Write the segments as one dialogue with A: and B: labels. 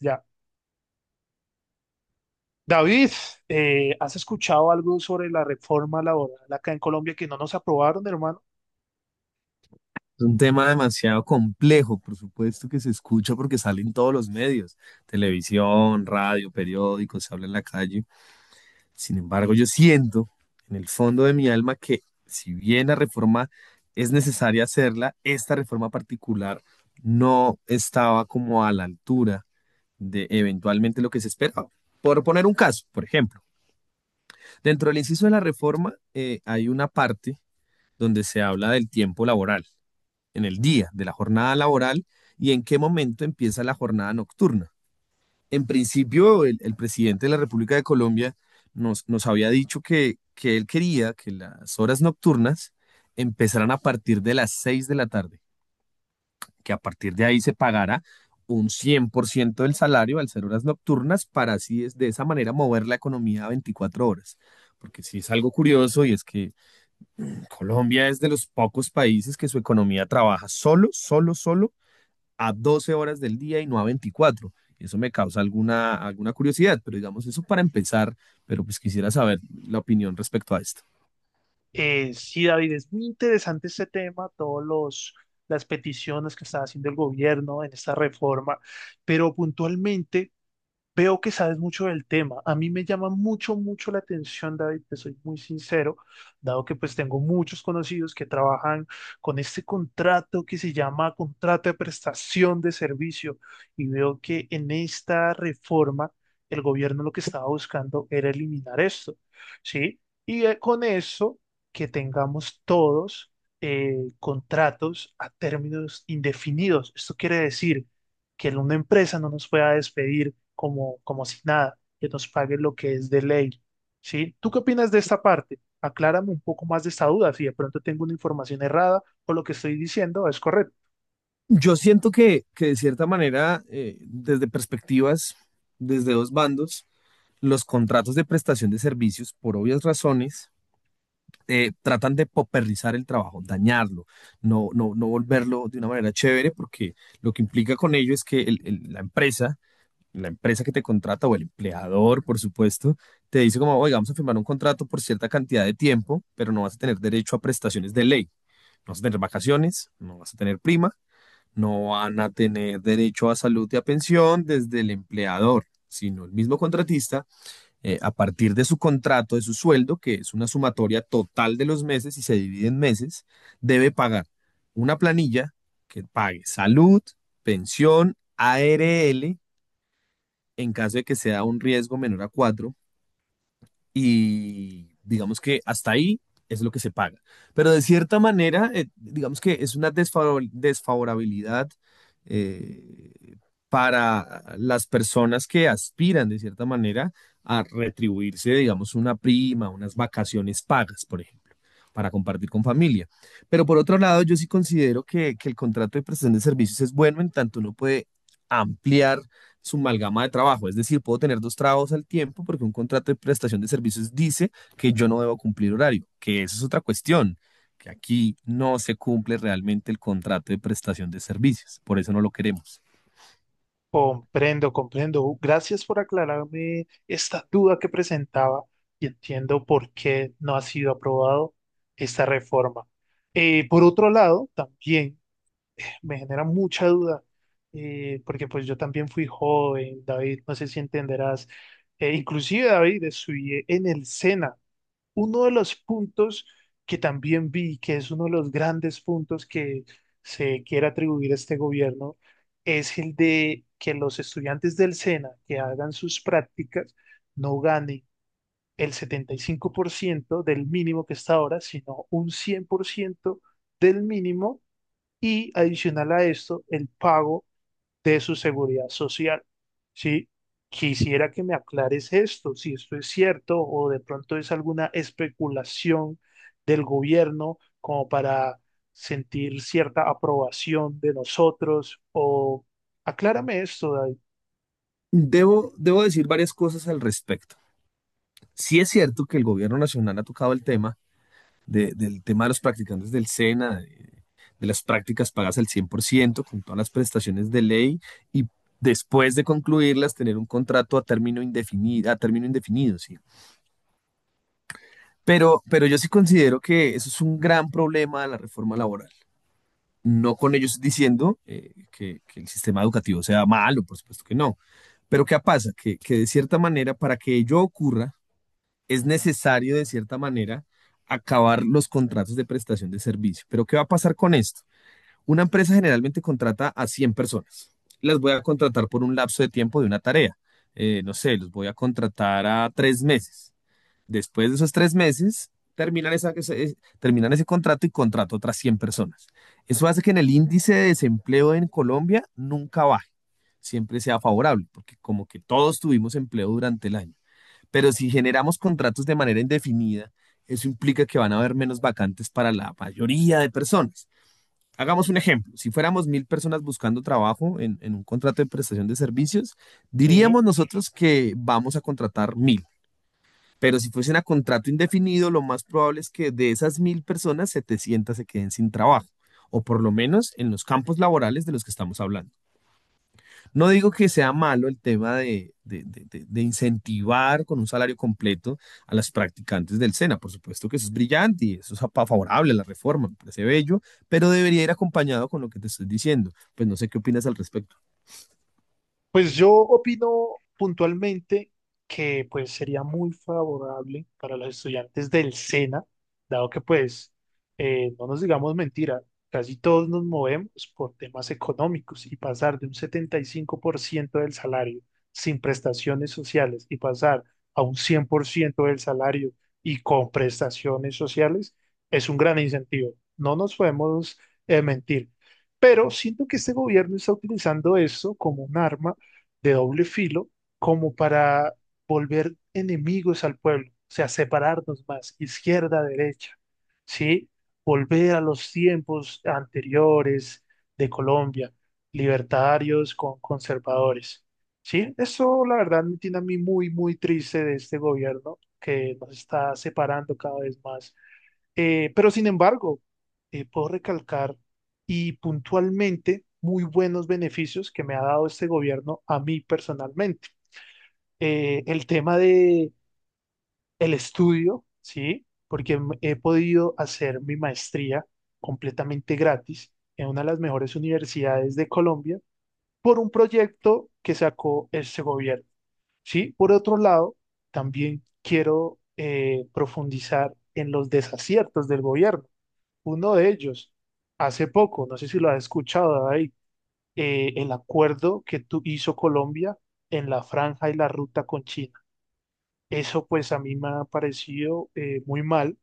A: Ya. David, ¿has escuchado algo sobre la reforma laboral acá en Colombia que no nos aprobaron, hermano?
B: Es un tema demasiado complejo, por supuesto que se escucha porque sale en todos los medios, televisión, radio, periódicos, se habla en la calle. Sin embargo, yo siento en el fondo de mi alma que si bien la reforma es necesaria hacerla, esta reforma particular no estaba como a la altura de eventualmente lo que se esperaba. Por poner un caso, por ejemplo, dentro del inciso de la reforma hay una parte donde se habla del tiempo laboral en el día de la jornada laboral y en qué momento empieza la jornada nocturna. En principio, el presidente de la República de Colombia nos había dicho que él quería que las horas nocturnas empezaran a partir de las 6 de la tarde, que a partir de ahí se pagara un 100% del salario al ser horas nocturnas para así es de esa manera mover la economía a 24 horas. Porque sí es algo curioso y es que Colombia es de los pocos países que su economía trabaja solo a 12 horas del día y no a 24. Eso me causa alguna curiosidad, pero digamos eso para empezar, pero pues quisiera saber la opinión respecto a esto.
A: Sí, David, es muy interesante este tema, todos los las peticiones que está haciendo el gobierno en esta reforma, pero puntualmente veo que sabes mucho del tema. A mí me llama mucho, mucho la atención, David, te soy muy sincero, dado que pues tengo muchos conocidos que trabajan con este contrato que se llama contrato de prestación de servicio y veo que en esta reforma el gobierno lo que estaba buscando era eliminar esto, ¿sí? Y con eso que tengamos todos contratos a términos indefinidos. Esto quiere decir que una empresa no nos pueda despedir como, como si nada, que nos pague lo que es de ley, ¿sí? ¿Tú qué opinas de esta parte? Aclárame un poco más de esta duda, si de pronto tengo una información errada o lo que estoy diciendo es correcto.
B: Yo siento que de cierta manera, desde perspectivas, desde dos bandos, los contratos de prestación de servicios, por obvias razones, tratan de popernizar el trabajo, dañarlo, no volverlo de una manera chévere, porque lo que implica con ello es que la empresa que te contrata o el empleador, por supuesto, te dice como, oiga, vamos a firmar un contrato por cierta cantidad de tiempo, pero no vas a tener derecho a prestaciones de ley. No vas a tener vacaciones, no vas a tener prima, no van a tener derecho a salud y a pensión desde el empleador, sino el mismo contratista, a partir de su contrato, de su sueldo, que es una sumatoria total de los meses y se divide en meses, debe pagar una planilla que pague salud, pensión, ARL en caso de que sea un riesgo menor a 4 y digamos que hasta ahí es lo que se paga. Pero de cierta manera, digamos que es una desfavorabilidad eh, para las personas que aspiran de cierta manera a retribuirse, digamos, una prima, unas vacaciones pagas, por ejemplo para compartir con familia. Pero por otro lado, yo sí considero que el contrato de prestación de servicios es bueno en tanto uno puede ampliar su amalgama de trabajo. Es decir, puedo tener dos trabajos al tiempo porque un contrato de prestación de servicios dice que yo no debo cumplir horario, que eso es otra cuestión, que aquí no se cumple realmente el contrato de prestación de servicios. Por eso no lo queremos.
A: Comprendo, comprendo. Gracias por aclararme esta duda que presentaba y entiendo por qué no ha sido aprobado esta reforma. Por otro lado, también me genera mucha duda, porque pues yo también fui joven, David, no sé si entenderás. Inclusive David, estudié en el SENA, uno de los puntos que también vi, que es uno de los grandes puntos que se quiere atribuir a este gobierno, es el de que los estudiantes del SENA que hagan sus prácticas no ganen el 75% del mínimo que está ahora, sino un 100% del mínimo y adicional a esto, el pago de su seguridad social. ¿Sí? Quisiera que me aclares esto, si esto es cierto o de pronto es alguna especulación del gobierno como para sentir cierta aprobación de nosotros, o aclárame esto, David.
B: Debo decir varias cosas al respecto. Sí es cierto que el gobierno nacional ha tocado el tema del tema de los practicantes del SENA de las prácticas pagas al 100% con todas las prestaciones de ley y después de concluirlas tener un contrato a término indefinido, sí. Pero yo sí considero que eso es un gran problema de la reforma laboral. No con ellos diciendo el sistema educativo sea malo, por supuesto que no. Pero ¿qué pasa? Que de cierta manera, para que ello ocurra, es necesario de cierta manera acabar los contratos de prestación de servicio. Pero ¿qué va a pasar con esto? Una empresa generalmente contrata a 100 personas. Las voy a contratar por un lapso de tiempo de una tarea. No sé, los voy a contratar a tres meses. Después de esos tres meses, terminan, terminan ese contrato y contrato otras 100 personas. Eso hace que en el índice de desempleo en Colombia nunca baje, siempre sea favorable, porque como que todos tuvimos empleo durante el año. Pero si generamos contratos de manera indefinida, eso implica que van a haber menos vacantes para la mayoría de personas. Hagamos un ejemplo. Si fuéramos mil personas buscando trabajo en un contrato de prestación de servicios,
A: Sí,
B: diríamos nosotros que vamos a contratar mil. Pero si fuesen a contrato indefinido, lo más probable es que de esas mil personas, 700 se queden sin trabajo, o por lo menos en los campos laborales de los que estamos hablando. No digo que sea malo el tema de incentivar con un salario completo a las practicantes del SENA. Por supuesto que eso es brillante y eso es favorable a la reforma, me parece bello, pero debería ir acompañado con lo que te estoy diciendo. Pues no sé qué opinas al respecto.
A: pues yo opino puntualmente que pues sería muy favorable para los estudiantes del SENA, dado que pues no nos digamos mentira, casi todos nos movemos por temas económicos y pasar de un 75% del salario sin prestaciones sociales y pasar a un 100% del salario y con prestaciones sociales es un gran incentivo. No nos podemos mentir. Pero siento que este gobierno está utilizando eso como un arma de doble filo como para volver enemigos al pueblo, o sea, separarnos más, izquierda, derecha, ¿sí? Volver a los tiempos anteriores de Colombia, libertarios con conservadores, ¿sí? Eso, la verdad, me tiene a mí muy, muy triste de este gobierno que nos está separando cada vez más, pero sin embargo, puedo recalcar y puntualmente muy buenos beneficios que me ha dado este gobierno a mí personalmente. El tema de el estudio, ¿sí? He podido hacer mi maestría completamente gratis en una de las mejores universidades de Colombia por un proyecto que sacó este gobierno, ¿sí? Por otro lado, también quiero profundizar en los desaciertos del gobierno, uno de ellos, hace poco, no sé si lo has escuchado, ahí, el acuerdo que hizo Colombia en la franja y la ruta con China. Eso pues a mí me ha parecido muy mal,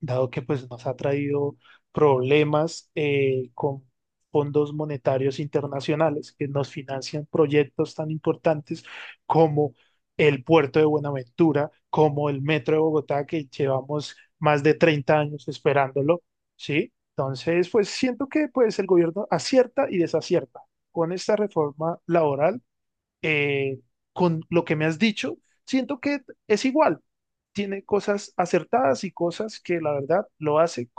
A: dado que pues nos ha traído problemas con fondos monetarios internacionales que nos financian proyectos tan importantes como el puerto de Buenaventura, como el metro de Bogotá, que llevamos más de 30 años esperándolo, ¿sí? Entonces, pues siento que pues el gobierno acierta y desacierta. Con esta reforma laboral, eh, con lo que me has dicho, siento que es igual. Tiene cosas acertadas y cosas que la verdad lo hace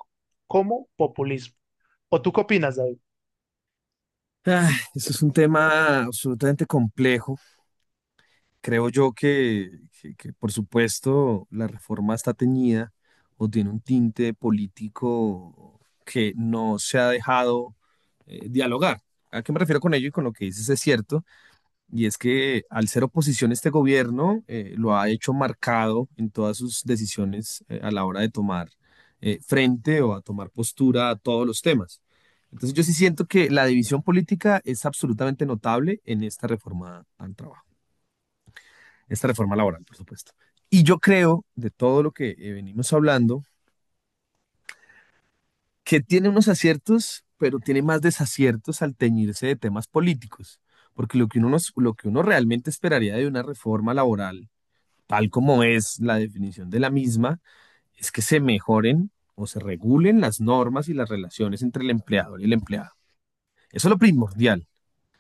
A: como populismo. ¿O tú qué opinas, David?
B: Ah, eso es un tema absolutamente complejo. Creo yo que, por supuesto, la reforma está teñida o tiene un tinte político que no se ha dejado dialogar. ¿A qué me refiero con ello y con lo que dices es cierto? Y es que al ser oposición este gobierno lo ha hecho marcado en todas sus decisiones a la hora de tomar frente o a tomar postura a todos los temas. Entonces yo sí siento que la división política es absolutamente notable en esta reforma al trabajo esta reforma laboral, por supuesto. Y yo creo, de todo lo que venimos hablando, que tiene unos aciertos, pero tiene más desaciertos al teñirse de temas políticos, porque lo que lo que uno realmente esperaría de una reforma laboral, tal como es la definición de la misma, es que se mejoren o se regulen las normas y las relaciones entre el empleador y el empleado. Eso es lo primordial.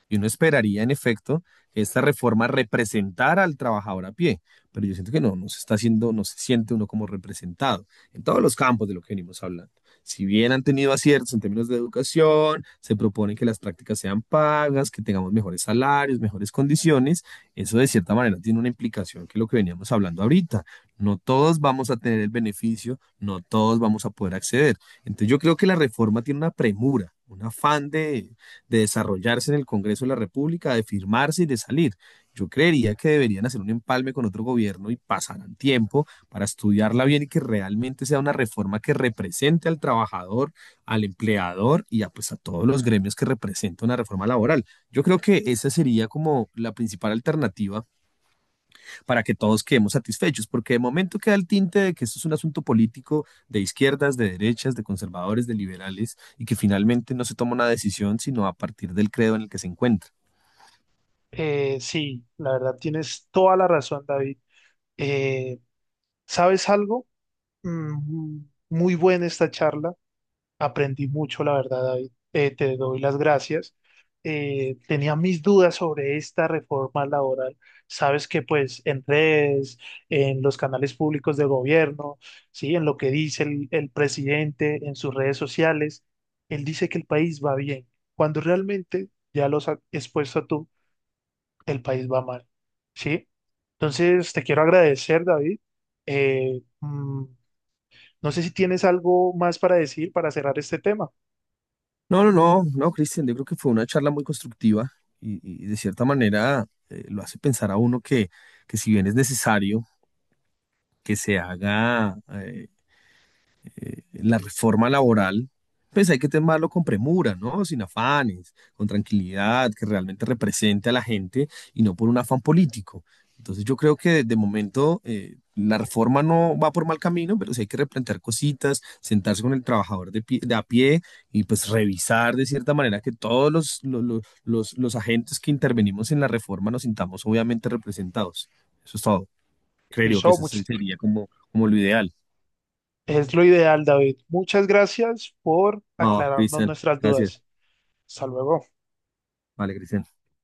B: Y uno esperaría, en efecto, que esta reforma representara al trabajador a pie, pero yo siento que no se está haciendo, no se siente uno como representado en todos los campos de lo que venimos hablando. Si bien han tenido aciertos en términos de educación, se proponen que las prácticas sean pagas, que tengamos mejores salarios, mejores condiciones, eso de cierta manera tiene una implicación que es lo que veníamos hablando ahorita. No todos vamos a tener el beneficio, no todos vamos a poder acceder. Entonces yo creo que la reforma tiene una premura, un afán de desarrollarse en el Congreso de la República, de firmarse y de salir. Yo creería que deberían hacer un empalme con otro gobierno y pasarán tiempo para estudiarla bien y que realmente sea una reforma que represente al trabajador, al empleador y a, pues, a todos los gremios que representa una reforma laboral. Yo creo que esa sería como la principal alternativa para que todos quedemos satisfechos, porque de momento queda el tinte de que esto es un asunto político de izquierdas, de derechas, de conservadores, de liberales, y que finalmente no se toma una decisión sino a partir del credo en el que se encuentra.
A: Sí, la verdad tienes toda la razón, David. Eh, ¿Sabes algo? Mm, muy buena esta charla. Aprendí mucho, la verdad, David. Te doy las gracias. Tenía mis dudas sobre esta reforma laboral. Sabes que pues en redes, en los canales públicos de gobierno, sí, en lo que dice el presidente, en sus redes sociales, él dice que el país va bien, cuando realmente, ya lo has expuesto tú, el país va mal, ¿sí? Entonces, te quiero agradecer, David. Mm, no sé si tienes algo más para decir para cerrar este tema.
B: No, no, no, no, Cristian, yo creo que fue una charla muy constructiva y de cierta manera lo hace pensar a uno que si bien es necesario que se haga la reforma laboral, pues hay que tomarlo con premura, ¿no? Sin afanes, con tranquilidad, que realmente represente a la gente y no por un afán político. Entonces yo creo que de momento la reforma no va por mal camino, pero sí hay que replantear cositas, sentarse con el trabajador de a pie y pues revisar de cierta manera que todos los, lo- los agentes que intervenimos en la reforma nos sintamos obviamente representados. Eso es todo. Creo que
A: Listo,
B: eso sería como lo ideal.
A: es lo ideal, David. Muchas gracias por
B: No,
A: aclararnos
B: Cristian,
A: nuestras
B: gracias.
A: dudas. Hasta luego.
B: Vale, Cristian.